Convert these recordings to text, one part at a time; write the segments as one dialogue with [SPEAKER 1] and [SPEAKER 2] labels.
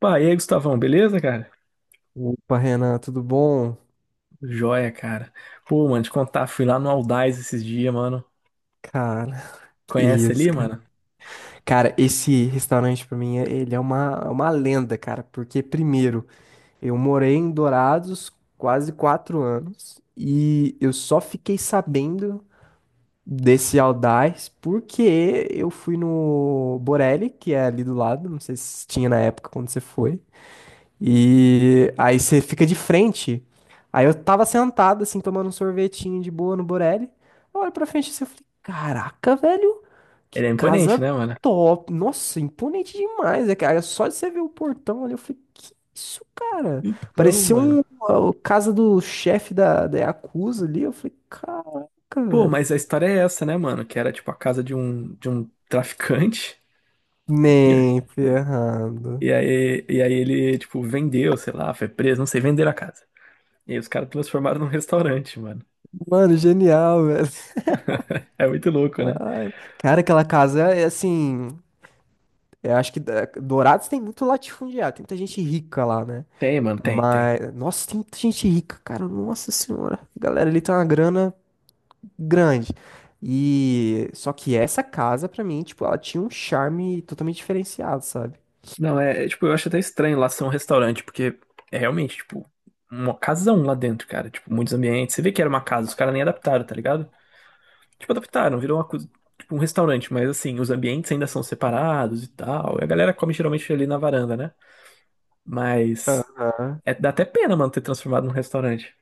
[SPEAKER 1] Pá, e aí, Gustavão, beleza, cara?
[SPEAKER 2] Opa, Renan, tudo bom?
[SPEAKER 1] Joia, cara. Pô, mano, te contar, fui lá no Aldaz esses dias, mano.
[SPEAKER 2] Cara, que
[SPEAKER 1] Conhece
[SPEAKER 2] isso,
[SPEAKER 1] ali,
[SPEAKER 2] cara.
[SPEAKER 1] mano?
[SPEAKER 2] Cara, esse restaurante pra mim, ele é uma lenda, cara, porque primeiro, eu morei em Dourados quase 4 anos e eu só fiquei sabendo desse Aldais porque eu fui no Borelli, que é ali do lado, não sei se tinha na época quando você foi. E aí você fica de frente. Aí eu tava sentado, assim, tomando um sorvetinho de boa no Borelli. Eu olho pra frente assim, eu falei, caraca, velho, que
[SPEAKER 1] Ele é imponente,
[SPEAKER 2] casa
[SPEAKER 1] né, mano?
[SPEAKER 2] top. Nossa, imponente demais, é, cara. Só de você ver o portão ali, eu falei, que isso, cara?
[SPEAKER 1] Então,
[SPEAKER 2] Parecia
[SPEAKER 1] mano.
[SPEAKER 2] a casa do chefe da Yakuza ali. Eu falei, caraca,
[SPEAKER 1] Pô,
[SPEAKER 2] velho.
[SPEAKER 1] mas a história é essa, né, mano? Que era, tipo, a casa de um traficante.
[SPEAKER 2] Nem ferrando.
[SPEAKER 1] E aí ele, tipo, vendeu, sei lá, foi preso, não sei, venderam a casa. E aí os caras transformaram num restaurante, mano.
[SPEAKER 2] Mano, genial, velho.
[SPEAKER 1] É muito louco, né?
[SPEAKER 2] Ai, cara, aquela casa é assim. Eu acho que Dourados tem muito latifundiário, tem muita gente rica lá, né?
[SPEAKER 1] Tem, mano, tem, tem.
[SPEAKER 2] Mas, nossa, tem muita gente rica, cara, nossa senhora. A galera ali tem uma grana grande. E só que essa casa pra mim, tipo, ela tinha um charme totalmente diferenciado, sabe?
[SPEAKER 1] Não, é, tipo, eu acho até estranho lá ser um restaurante, porque é realmente, tipo, uma casão lá dentro, cara. Tipo, muitos ambientes. Você vê que era uma casa, os caras nem adaptaram, tá ligado? Tipo, adaptaram, virou uma coisa, tipo, um restaurante, mas assim, os ambientes ainda são separados e tal. E a galera come geralmente ali na varanda, né? Mas
[SPEAKER 2] Aham.
[SPEAKER 1] é, dá até pena, mano, ter transformado num restaurante.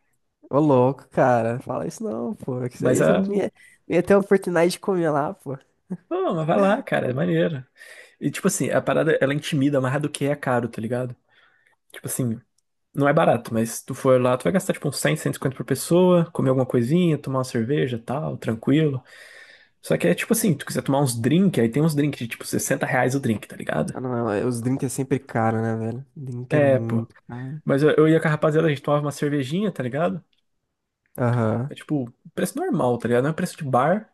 [SPEAKER 2] Ô louco, cara, fala isso não, pô. Que isso
[SPEAKER 1] Mas
[SPEAKER 2] aí, você não
[SPEAKER 1] a.
[SPEAKER 2] tinha, não ia ter a oportunidade de comer lá, pô.
[SPEAKER 1] Pô, mas vai lá, cara, é maneiro. E tipo assim, a parada, ela intimida mais do que é caro, tá ligado? Tipo assim, não é barato, mas se tu for lá, tu vai gastar tipo uns 100, 150 por pessoa, comer alguma coisinha, tomar uma cerveja, tal, tranquilo. Só que é tipo assim, tu quiser tomar uns drink, aí tem uns drink de tipo 60 reais o drink, tá ligado?
[SPEAKER 2] Ah, não, os drinks é sempre caro, né, velho? Drink é
[SPEAKER 1] É, pô.
[SPEAKER 2] muito caro.
[SPEAKER 1] Mas eu ia com a rapaziada, a gente tomava uma cervejinha, tá ligado?
[SPEAKER 2] Aham.
[SPEAKER 1] É tipo, preço normal, tá ligado? Não é preço de bar,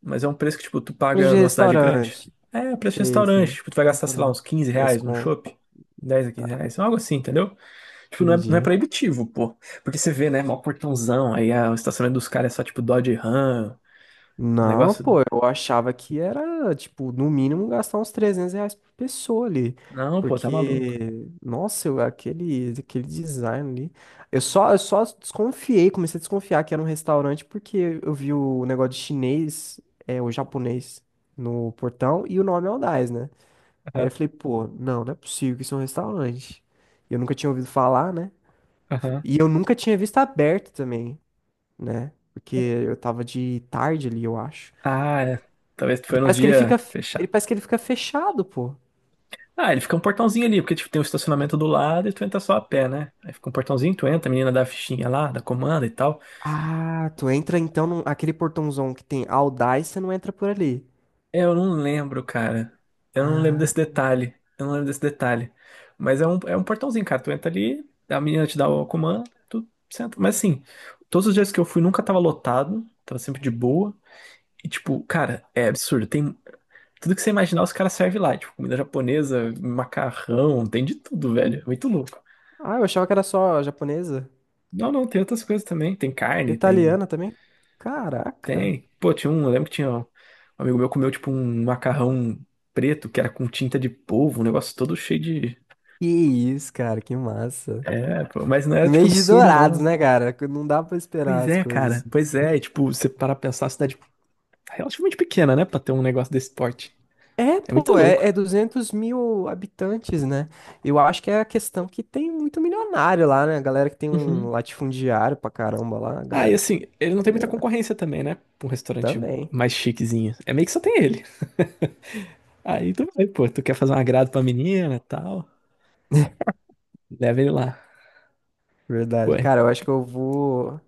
[SPEAKER 1] mas é um preço que tipo, tu
[SPEAKER 2] Preço
[SPEAKER 1] paga
[SPEAKER 2] de
[SPEAKER 1] numa cidade grande.
[SPEAKER 2] restaurante.
[SPEAKER 1] É, preço de
[SPEAKER 2] Sei,
[SPEAKER 1] restaurante,
[SPEAKER 2] sei.
[SPEAKER 1] tipo, tu vai gastar, sei lá,
[SPEAKER 2] Restaurante.
[SPEAKER 1] uns 15
[SPEAKER 2] 10
[SPEAKER 1] reais num
[SPEAKER 2] conto.
[SPEAKER 1] shopping, 10, a 15
[SPEAKER 2] Tá,
[SPEAKER 1] reais, algo assim, entendeu? Tipo, não é
[SPEAKER 2] entendi.
[SPEAKER 1] proibitivo, pô. Porque você vê, né? Mó portãozão. Aí o estacionamento dos caras é só tipo Dodge Ram. Os
[SPEAKER 2] Não,
[SPEAKER 1] negócios.
[SPEAKER 2] pô, eu achava que era, tipo, no mínimo gastar uns R$ 300 por pessoa ali.
[SPEAKER 1] Não, pô, tá maluco.
[SPEAKER 2] Porque, nossa, aquele design ali. Eu só desconfiei, comecei a desconfiar que era um restaurante porque eu vi o negócio de chinês, é, o japonês no portão e o nome é Aldais, né? Aí eu
[SPEAKER 1] Aham,
[SPEAKER 2] falei, pô, não, não é possível que isso é um restaurante. E eu nunca tinha ouvido falar, né?
[SPEAKER 1] aham.
[SPEAKER 2] E eu nunca tinha visto aberto também, né? Porque eu tava de tarde ali, eu acho.
[SPEAKER 1] Ah, é. Talvez foi
[SPEAKER 2] Ele
[SPEAKER 1] nos
[SPEAKER 2] parece que ele
[SPEAKER 1] dias
[SPEAKER 2] fica, ele
[SPEAKER 1] fechar.
[SPEAKER 2] parece que ele fica fechado, pô.
[SPEAKER 1] Ah, ele fica um portãozinho ali, porque tipo, tem um estacionamento do lado e tu entra só a pé, né? Aí fica um portãozinho, tu entra, a menina dá a fichinha lá, da comanda e tal.
[SPEAKER 2] Ah, tu entra então aquele portãozão que tem All Dai, você não entra por ali.
[SPEAKER 1] É, eu não lembro, cara. Eu não lembro
[SPEAKER 2] Ah,
[SPEAKER 1] desse detalhe. Eu não lembro desse detalhe. Mas é um portãozinho, cara. Tu entra ali, a menina te dá o comando, tu senta. Mas assim, todos os dias que eu fui nunca tava lotado, tava sempre de boa. E tipo, cara, é absurdo. Tem tudo que você imaginar, os caras servem lá. Tipo, comida japonesa, macarrão, tem de tudo, velho. É muito louco.
[SPEAKER 2] ah, eu achava que era só japonesa.
[SPEAKER 1] Não, não, tem outras coisas também. Tem carne, tem.
[SPEAKER 2] Italiana também? Caraca.
[SPEAKER 1] Tem. Pô, tinha um. Eu lembro que tinha um amigo meu comeu, tipo, um macarrão preto que era com tinta de polvo, um negócio todo cheio de.
[SPEAKER 2] Que isso, cara, que massa.
[SPEAKER 1] É, pô, mas não era,
[SPEAKER 2] No
[SPEAKER 1] tipo,
[SPEAKER 2] mês de
[SPEAKER 1] absurdo,
[SPEAKER 2] Dourados,
[SPEAKER 1] não.
[SPEAKER 2] né, cara? Não dá pra esperar
[SPEAKER 1] Pois
[SPEAKER 2] as
[SPEAKER 1] é,
[SPEAKER 2] coisas.
[SPEAKER 1] cara. Pois é. E, tipo, você parar pra pensar, a cidade é relativamente pequena, né, pra ter um negócio desse porte.
[SPEAKER 2] É,
[SPEAKER 1] É muito
[SPEAKER 2] pô,
[SPEAKER 1] louco.
[SPEAKER 2] é 200 mil habitantes, né? Eu acho que é a questão que tem muito milionário lá, né? A galera que tem um
[SPEAKER 1] Uhum.
[SPEAKER 2] latifundiário pra caramba lá, a
[SPEAKER 1] Ah, e
[SPEAKER 2] galera que.
[SPEAKER 1] assim, ele não tem
[SPEAKER 2] A
[SPEAKER 1] muita
[SPEAKER 2] grana.
[SPEAKER 1] concorrência também, né? Pra um restaurante
[SPEAKER 2] Também,
[SPEAKER 1] mais chiquezinho. É meio que só tem ele. Aí tu vai, pô, tu quer fazer um agrado pra menina e tal, leva ele lá. Pô,
[SPEAKER 2] verdade. Cara, eu acho que eu vou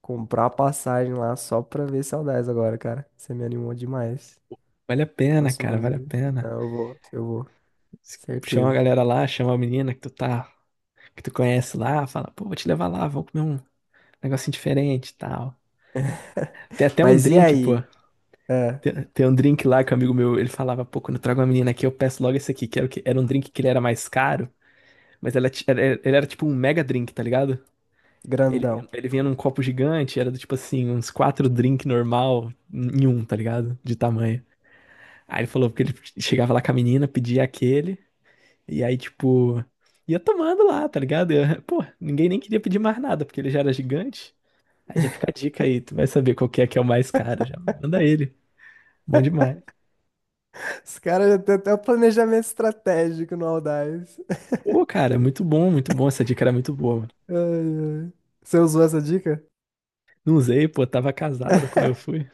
[SPEAKER 2] comprar a passagem lá só pra ver saudades agora, cara. Você me animou demais.
[SPEAKER 1] vale a pena, cara,
[SPEAKER 2] Próxima
[SPEAKER 1] vale a
[SPEAKER 2] vez. Não,
[SPEAKER 1] pena.
[SPEAKER 2] eu vou,
[SPEAKER 1] Chama a
[SPEAKER 2] certeza.
[SPEAKER 1] galera lá, chama a menina que tu tá, que tu conhece lá, fala, pô, vou te levar lá, vamos comer um negocinho diferente e tal. Tem até um
[SPEAKER 2] Mas e
[SPEAKER 1] drink, pô.
[SPEAKER 2] aí? É,
[SPEAKER 1] Tem um drink lá que um amigo meu, ele falava, pô, quando eu trago uma menina aqui, eu peço logo esse aqui, que era, o que, era um drink que ele era mais caro, mas ele era tipo um mega drink, tá ligado? Ele,
[SPEAKER 2] grandão.
[SPEAKER 1] ele vinha num copo gigante, era do tipo assim, uns quatro drink normal em um, tá ligado? De tamanho. Aí ele falou que ele chegava lá com a menina, pedia aquele. E aí, tipo, ia tomando lá, tá ligado? Pô, ninguém nem queria pedir mais nada, porque ele já era gigante. Aí já fica a dica aí, tu vai saber qual que é o mais caro, já manda ele. Bom demais.
[SPEAKER 2] Os caras já têm até o planejamento estratégico no Audax.
[SPEAKER 1] Pô, cara, é muito bom, essa dica era muito boa, mano.
[SPEAKER 2] Ai, ai. Você usou essa dica?
[SPEAKER 1] Não usei, pô, tava casado quando eu fui.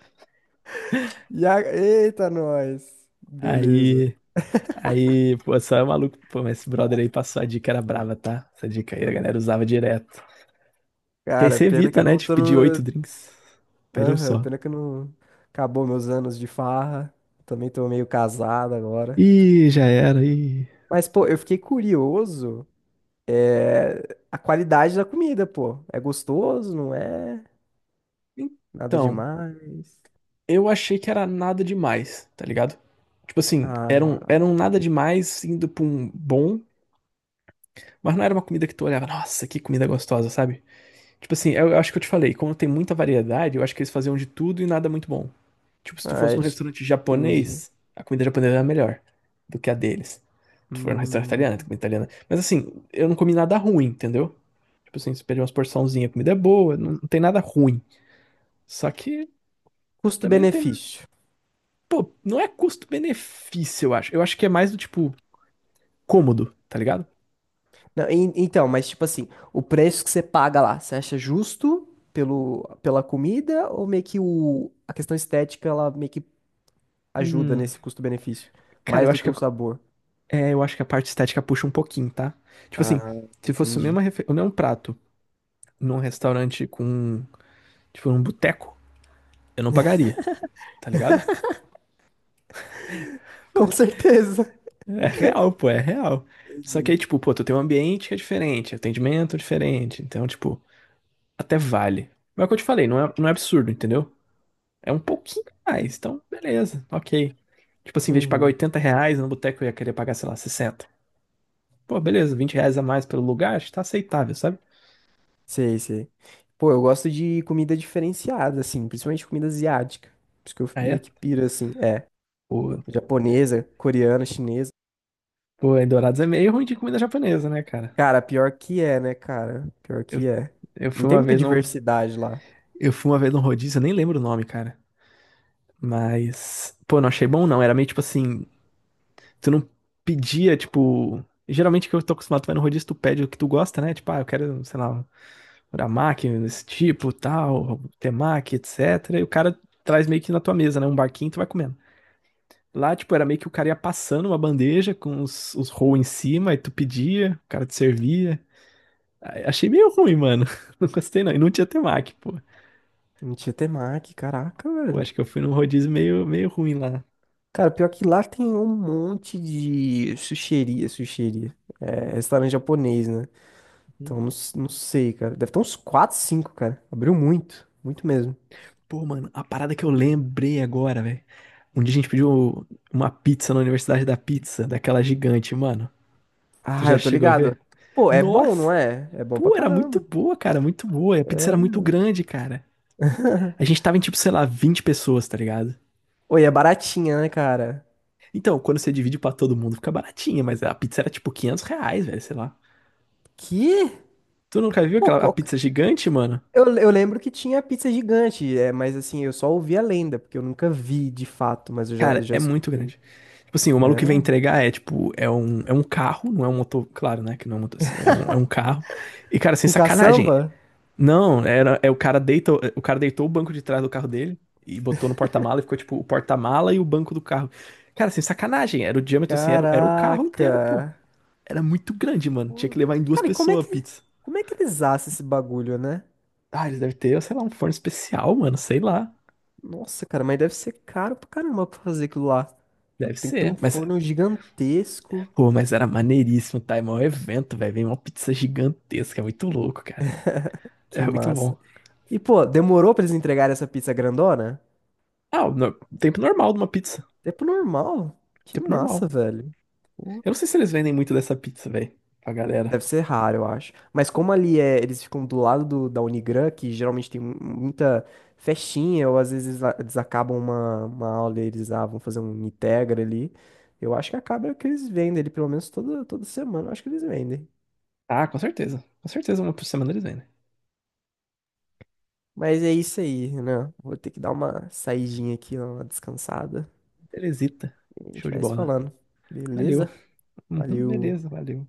[SPEAKER 2] E a. Eita, nós! Beleza.
[SPEAKER 1] Aí, aí, pô, só é maluco, pô, mas esse brother aí passou a dica, era brava, tá? Essa dica aí a galera usava direto. Que aí
[SPEAKER 2] Cara,
[SPEAKER 1] você
[SPEAKER 2] pena que
[SPEAKER 1] evita,
[SPEAKER 2] eu
[SPEAKER 1] né,
[SPEAKER 2] não
[SPEAKER 1] de
[SPEAKER 2] tô
[SPEAKER 1] pedir oito
[SPEAKER 2] no.
[SPEAKER 1] drinks. Pede um
[SPEAKER 2] Aham,
[SPEAKER 1] só.
[SPEAKER 2] pena que eu não. Acabou meus anos de farra. Também tô meio casado agora.
[SPEAKER 1] Ih, já era, ih.
[SPEAKER 2] Mas, pô, eu fiquei curioso. É, a qualidade da comida, pô. É gostoso, não é? Nada
[SPEAKER 1] Então,
[SPEAKER 2] demais.
[SPEAKER 1] eu achei que era nada demais, tá ligado? Tipo assim, eram,
[SPEAKER 2] Ah,
[SPEAKER 1] eram nada demais indo pra um bom, mas não era uma comida que tu olhava, nossa, que comida gostosa, sabe? Tipo assim, eu acho que eu te falei, quando tem muita variedade, eu acho que eles faziam de tudo e nada muito bom. Tipo, se tu
[SPEAKER 2] ah
[SPEAKER 1] fosse num restaurante
[SPEAKER 2] entendi.
[SPEAKER 1] japonês, a comida japonesa era melhor do que a deles. Tu for num restaurante italiano, tem
[SPEAKER 2] Hum.
[SPEAKER 1] comida italiana. Mas assim, eu não comi nada ruim, entendeu? Tipo assim, se pedir umas porçãozinhas, a comida é boa, não, não tem nada ruim. Só que também não tem.
[SPEAKER 2] Custo-benefício.
[SPEAKER 1] Pô, não é custo-benefício, eu acho. Eu acho que é mais do tipo cômodo, tá ligado?
[SPEAKER 2] Não, então, mas tipo assim, o preço que você paga lá, você acha justo pela comida ou meio que a questão estética ela meio que ajuda
[SPEAKER 1] Hum,
[SPEAKER 2] nesse custo-benefício?
[SPEAKER 1] cara,
[SPEAKER 2] Mais
[SPEAKER 1] eu
[SPEAKER 2] do
[SPEAKER 1] acho
[SPEAKER 2] que
[SPEAKER 1] que
[SPEAKER 2] o
[SPEAKER 1] a,
[SPEAKER 2] sabor.
[SPEAKER 1] é, eu acho que a parte estética puxa um pouquinho, tá? Tipo assim,
[SPEAKER 2] Ah,
[SPEAKER 1] se fosse o
[SPEAKER 2] entendi.
[SPEAKER 1] mesmo, o mesmo prato num restaurante com, tipo, num boteco, eu não pagaria, tá ligado? Pô,
[SPEAKER 2] Com certeza.
[SPEAKER 1] é real, pô, é real. Só que
[SPEAKER 2] Entendi.
[SPEAKER 1] aí, tipo, pô, tu tem um ambiente que é diferente, atendimento diferente, então, tipo, até vale. Mas é o que eu te falei, não é absurdo, entendeu? É um pouquinho a mais, então beleza, ok. Tipo assim, em vez de pagar
[SPEAKER 2] Uhum.
[SPEAKER 1] 80 reais no boteco, eu ia querer pagar, sei lá, 60. Pô, beleza, 20 reais a mais pelo lugar, acho que tá aceitável, sabe?
[SPEAKER 2] Sei, sei. Pô, eu gosto de comida diferenciada, assim, principalmente comida asiática. Por isso que eu
[SPEAKER 1] Aí
[SPEAKER 2] meio
[SPEAKER 1] é.
[SPEAKER 2] que piro, assim, é.
[SPEAKER 1] Pô,
[SPEAKER 2] Japonesa, coreana, chinesa.
[SPEAKER 1] pô, em Dourados é meio ruim de comida japonesa, né, cara?
[SPEAKER 2] Cara, pior que é, né, cara? Pior
[SPEAKER 1] Eu,
[SPEAKER 2] que é.
[SPEAKER 1] eu
[SPEAKER 2] Não
[SPEAKER 1] fui
[SPEAKER 2] tem
[SPEAKER 1] uma
[SPEAKER 2] muita
[SPEAKER 1] vez num.
[SPEAKER 2] diversidade lá.
[SPEAKER 1] Eu fui uma vez num rodízio, eu nem lembro o nome, cara. Pô, não achei bom, não. Era meio tipo assim. Tu não pedia, tipo. Geralmente que eu tô acostumado, tu vai no rodízio, tu pede o que tu gosta, né? Tipo, ah, eu quero, sei lá, Uramaki, desse tipo, tal, temaki, etc. E o cara traz meio que na tua mesa, né? Um barquinho, tu vai comendo. Lá, tipo, era meio que o cara ia passando uma bandeja com os roll em cima, aí tu pedia, o cara te servia. Aí, achei meio ruim, mano. Não gostei, não. E não tinha temaki, pô.
[SPEAKER 2] Em Tietemac, caraca,
[SPEAKER 1] Eu
[SPEAKER 2] velho.
[SPEAKER 1] acho que eu fui num rodízio meio, meio ruim lá.
[SPEAKER 2] Cara, pior que lá tem um monte de sushiria, sushiria. É, restaurante japonês, né? Então, não, não sei, cara. Deve ter uns 4, 5, cara. Abriu muito, muito mesmo.
[SPEAKER 1] Pô, mano, a parada que eu lembrei agora, velho. Um dia a gente pediu uma pizza na Universidade da Pizza, daquela gigante, mano. Tu
[SPEAKER 2] Ah,
[SPEAKER 1] já
[SPEAKER 2] eu tô
[SPEAKER 1] chegou a
[SPEAKER 2] ligado.
[SPEAKER 1] ver?
[SPEAKER 2] Pô, é bom,
[SPEAKER 1] Nossa,
[SPEAKER 2] não é? É bom pra
[SPEAKER 1] pô, era
[SPEAKER 2] caramba.
[SPEAKER 1] muito boa, cara, muito boa. E a pizza era
[SPEAKER 2] É.
[SPEAKER 1] muito grande, cara. A gente tava em tipo, sei lá, 20 pessoas, tá ligado?
[SPEAKER 2] Oi, é baratinha, né, cara?
[SPEAKER 1] Então, quando você divide pra todo mundo, fica baratinha, mas a pizza era tipo 500 reais, velho, sei lá.
[SPEAKER 2] Que?
[SPEAKER 1] Tu nunca viu
[SPEAKER 2] Pô,
[SPEAKER 1] aquela a
[SPEAKER 2] qual.
[SPEAKER 1] pizza gigante, mano?
[SPEAKER 2] Eu lembro que tinha pizza gigante, é, mas assim, eu só ouvi a lenda, porque eu nunca vi de fato, mas
[SPEAKER 1] Cara, é muito grande. Tipo assim, o maluco que vem
[SPEAKER 2] É.
[SPEAKER 1] entregar é tipo, é um carro, não é um motor, claro, né, que não é um motor, assim, é um carro. E, cara, sem
[SPEAKER 2] Com
[SPEAKER 1] sacanagem,
[SPEAKER 2] caçamba?
[SPEAKER 1] não, era, é o cara deitou o banco de trás do carro dele e botou no porta-mala e ficou tipo o porta-mala e o banco do carro. Cara, assim, sacanagem, era o diâmetro assim, era o carro inteiro, pô.
[SPEAKER 2] Caraca!
[SPEAKER 1] Era muito grande, mano. Tinha
[SPEAKER 2] Pô,
[SPEAKER 1] que levar em duas
[SPEAKER 2] cara, e como é
[SPEAKER 1] pessoas a
[SPEAKER 2] que,
[SPEAKER 1] pizza.
[SPEAKER 2] como é que eles assam esse bagulho, né?
[SPEAKER 1] Ah, eles devem ter, sei lá, um forno especial, mano, sei lá.
[SPEAKER 2] Nossa, cara, mas deve ser caro pra caramba pra fazer aquilo lá.
[SPEAKER 1] Deve
[SPEAKER 2] Tem que ter
[SPEAKER 1] ser.
[SPEAKER 2] um
[SPEAKER 1] Mas,
[SPEAKER 2] forno gigantesco.
[SPEAKER 1] pô, mas era maneiríssimo, tá? É maior evento, velho. Vem uma pizza gigantesca, é muito louco, cara. É
[SPEAKER 2] Que
[SPEAKER 1] muito
[SPEAKER 2] massa.
[SPEAKER 1] bom.
[SPEAKER 2] E, pô, demorou pra eles entregarem essa pizza grandona?
[SPEAKER 1] Ah, o no- tempo normal de uma pizza.
[SPEAKER 2] Tempo normal. Que
[SPEAKER 1] Tempo normal.
[SPEAKER 2] massa, velho. Pô,
[SPEAKER 1] Eu não sei se eles vendem muito dessa pizza, velho, pra galera.
[SPEAKER 2] deve ser raro, eu acho. Mas como ali é, eles ficam do lado da Unigran, que geralmente tem muita festinha, ou às vezes eles acabam uma aula e eles vão fazer um Integra ali. Eu acho que acaba que eles vendem ali, pelo menos toda semana, eu acho que eles vendem.
[SPEAKER 1] Ah, com certeza. Com certeza, uma por semana eles vêm, né?
[SPEAKER 2] Mas é isso aí, né? Vou ter que dar uma saidinha aqui, uma descansada.
[SPEAKER 1] Belezita.
[SPEAKER 2] E a gente
[SPEAKER 1] Show de
[SPEAKER 2] vai se
[SPEAKER 1] bola.
[SPEAKER 2] falando.
[SPEAKER 1] Valeu.
[SPEAKER 2] Beleza?
[SPEAKER 1] Uhum,
[SPEAKER 2] Valeu.
[SPEAKER 1] beleza, valeu.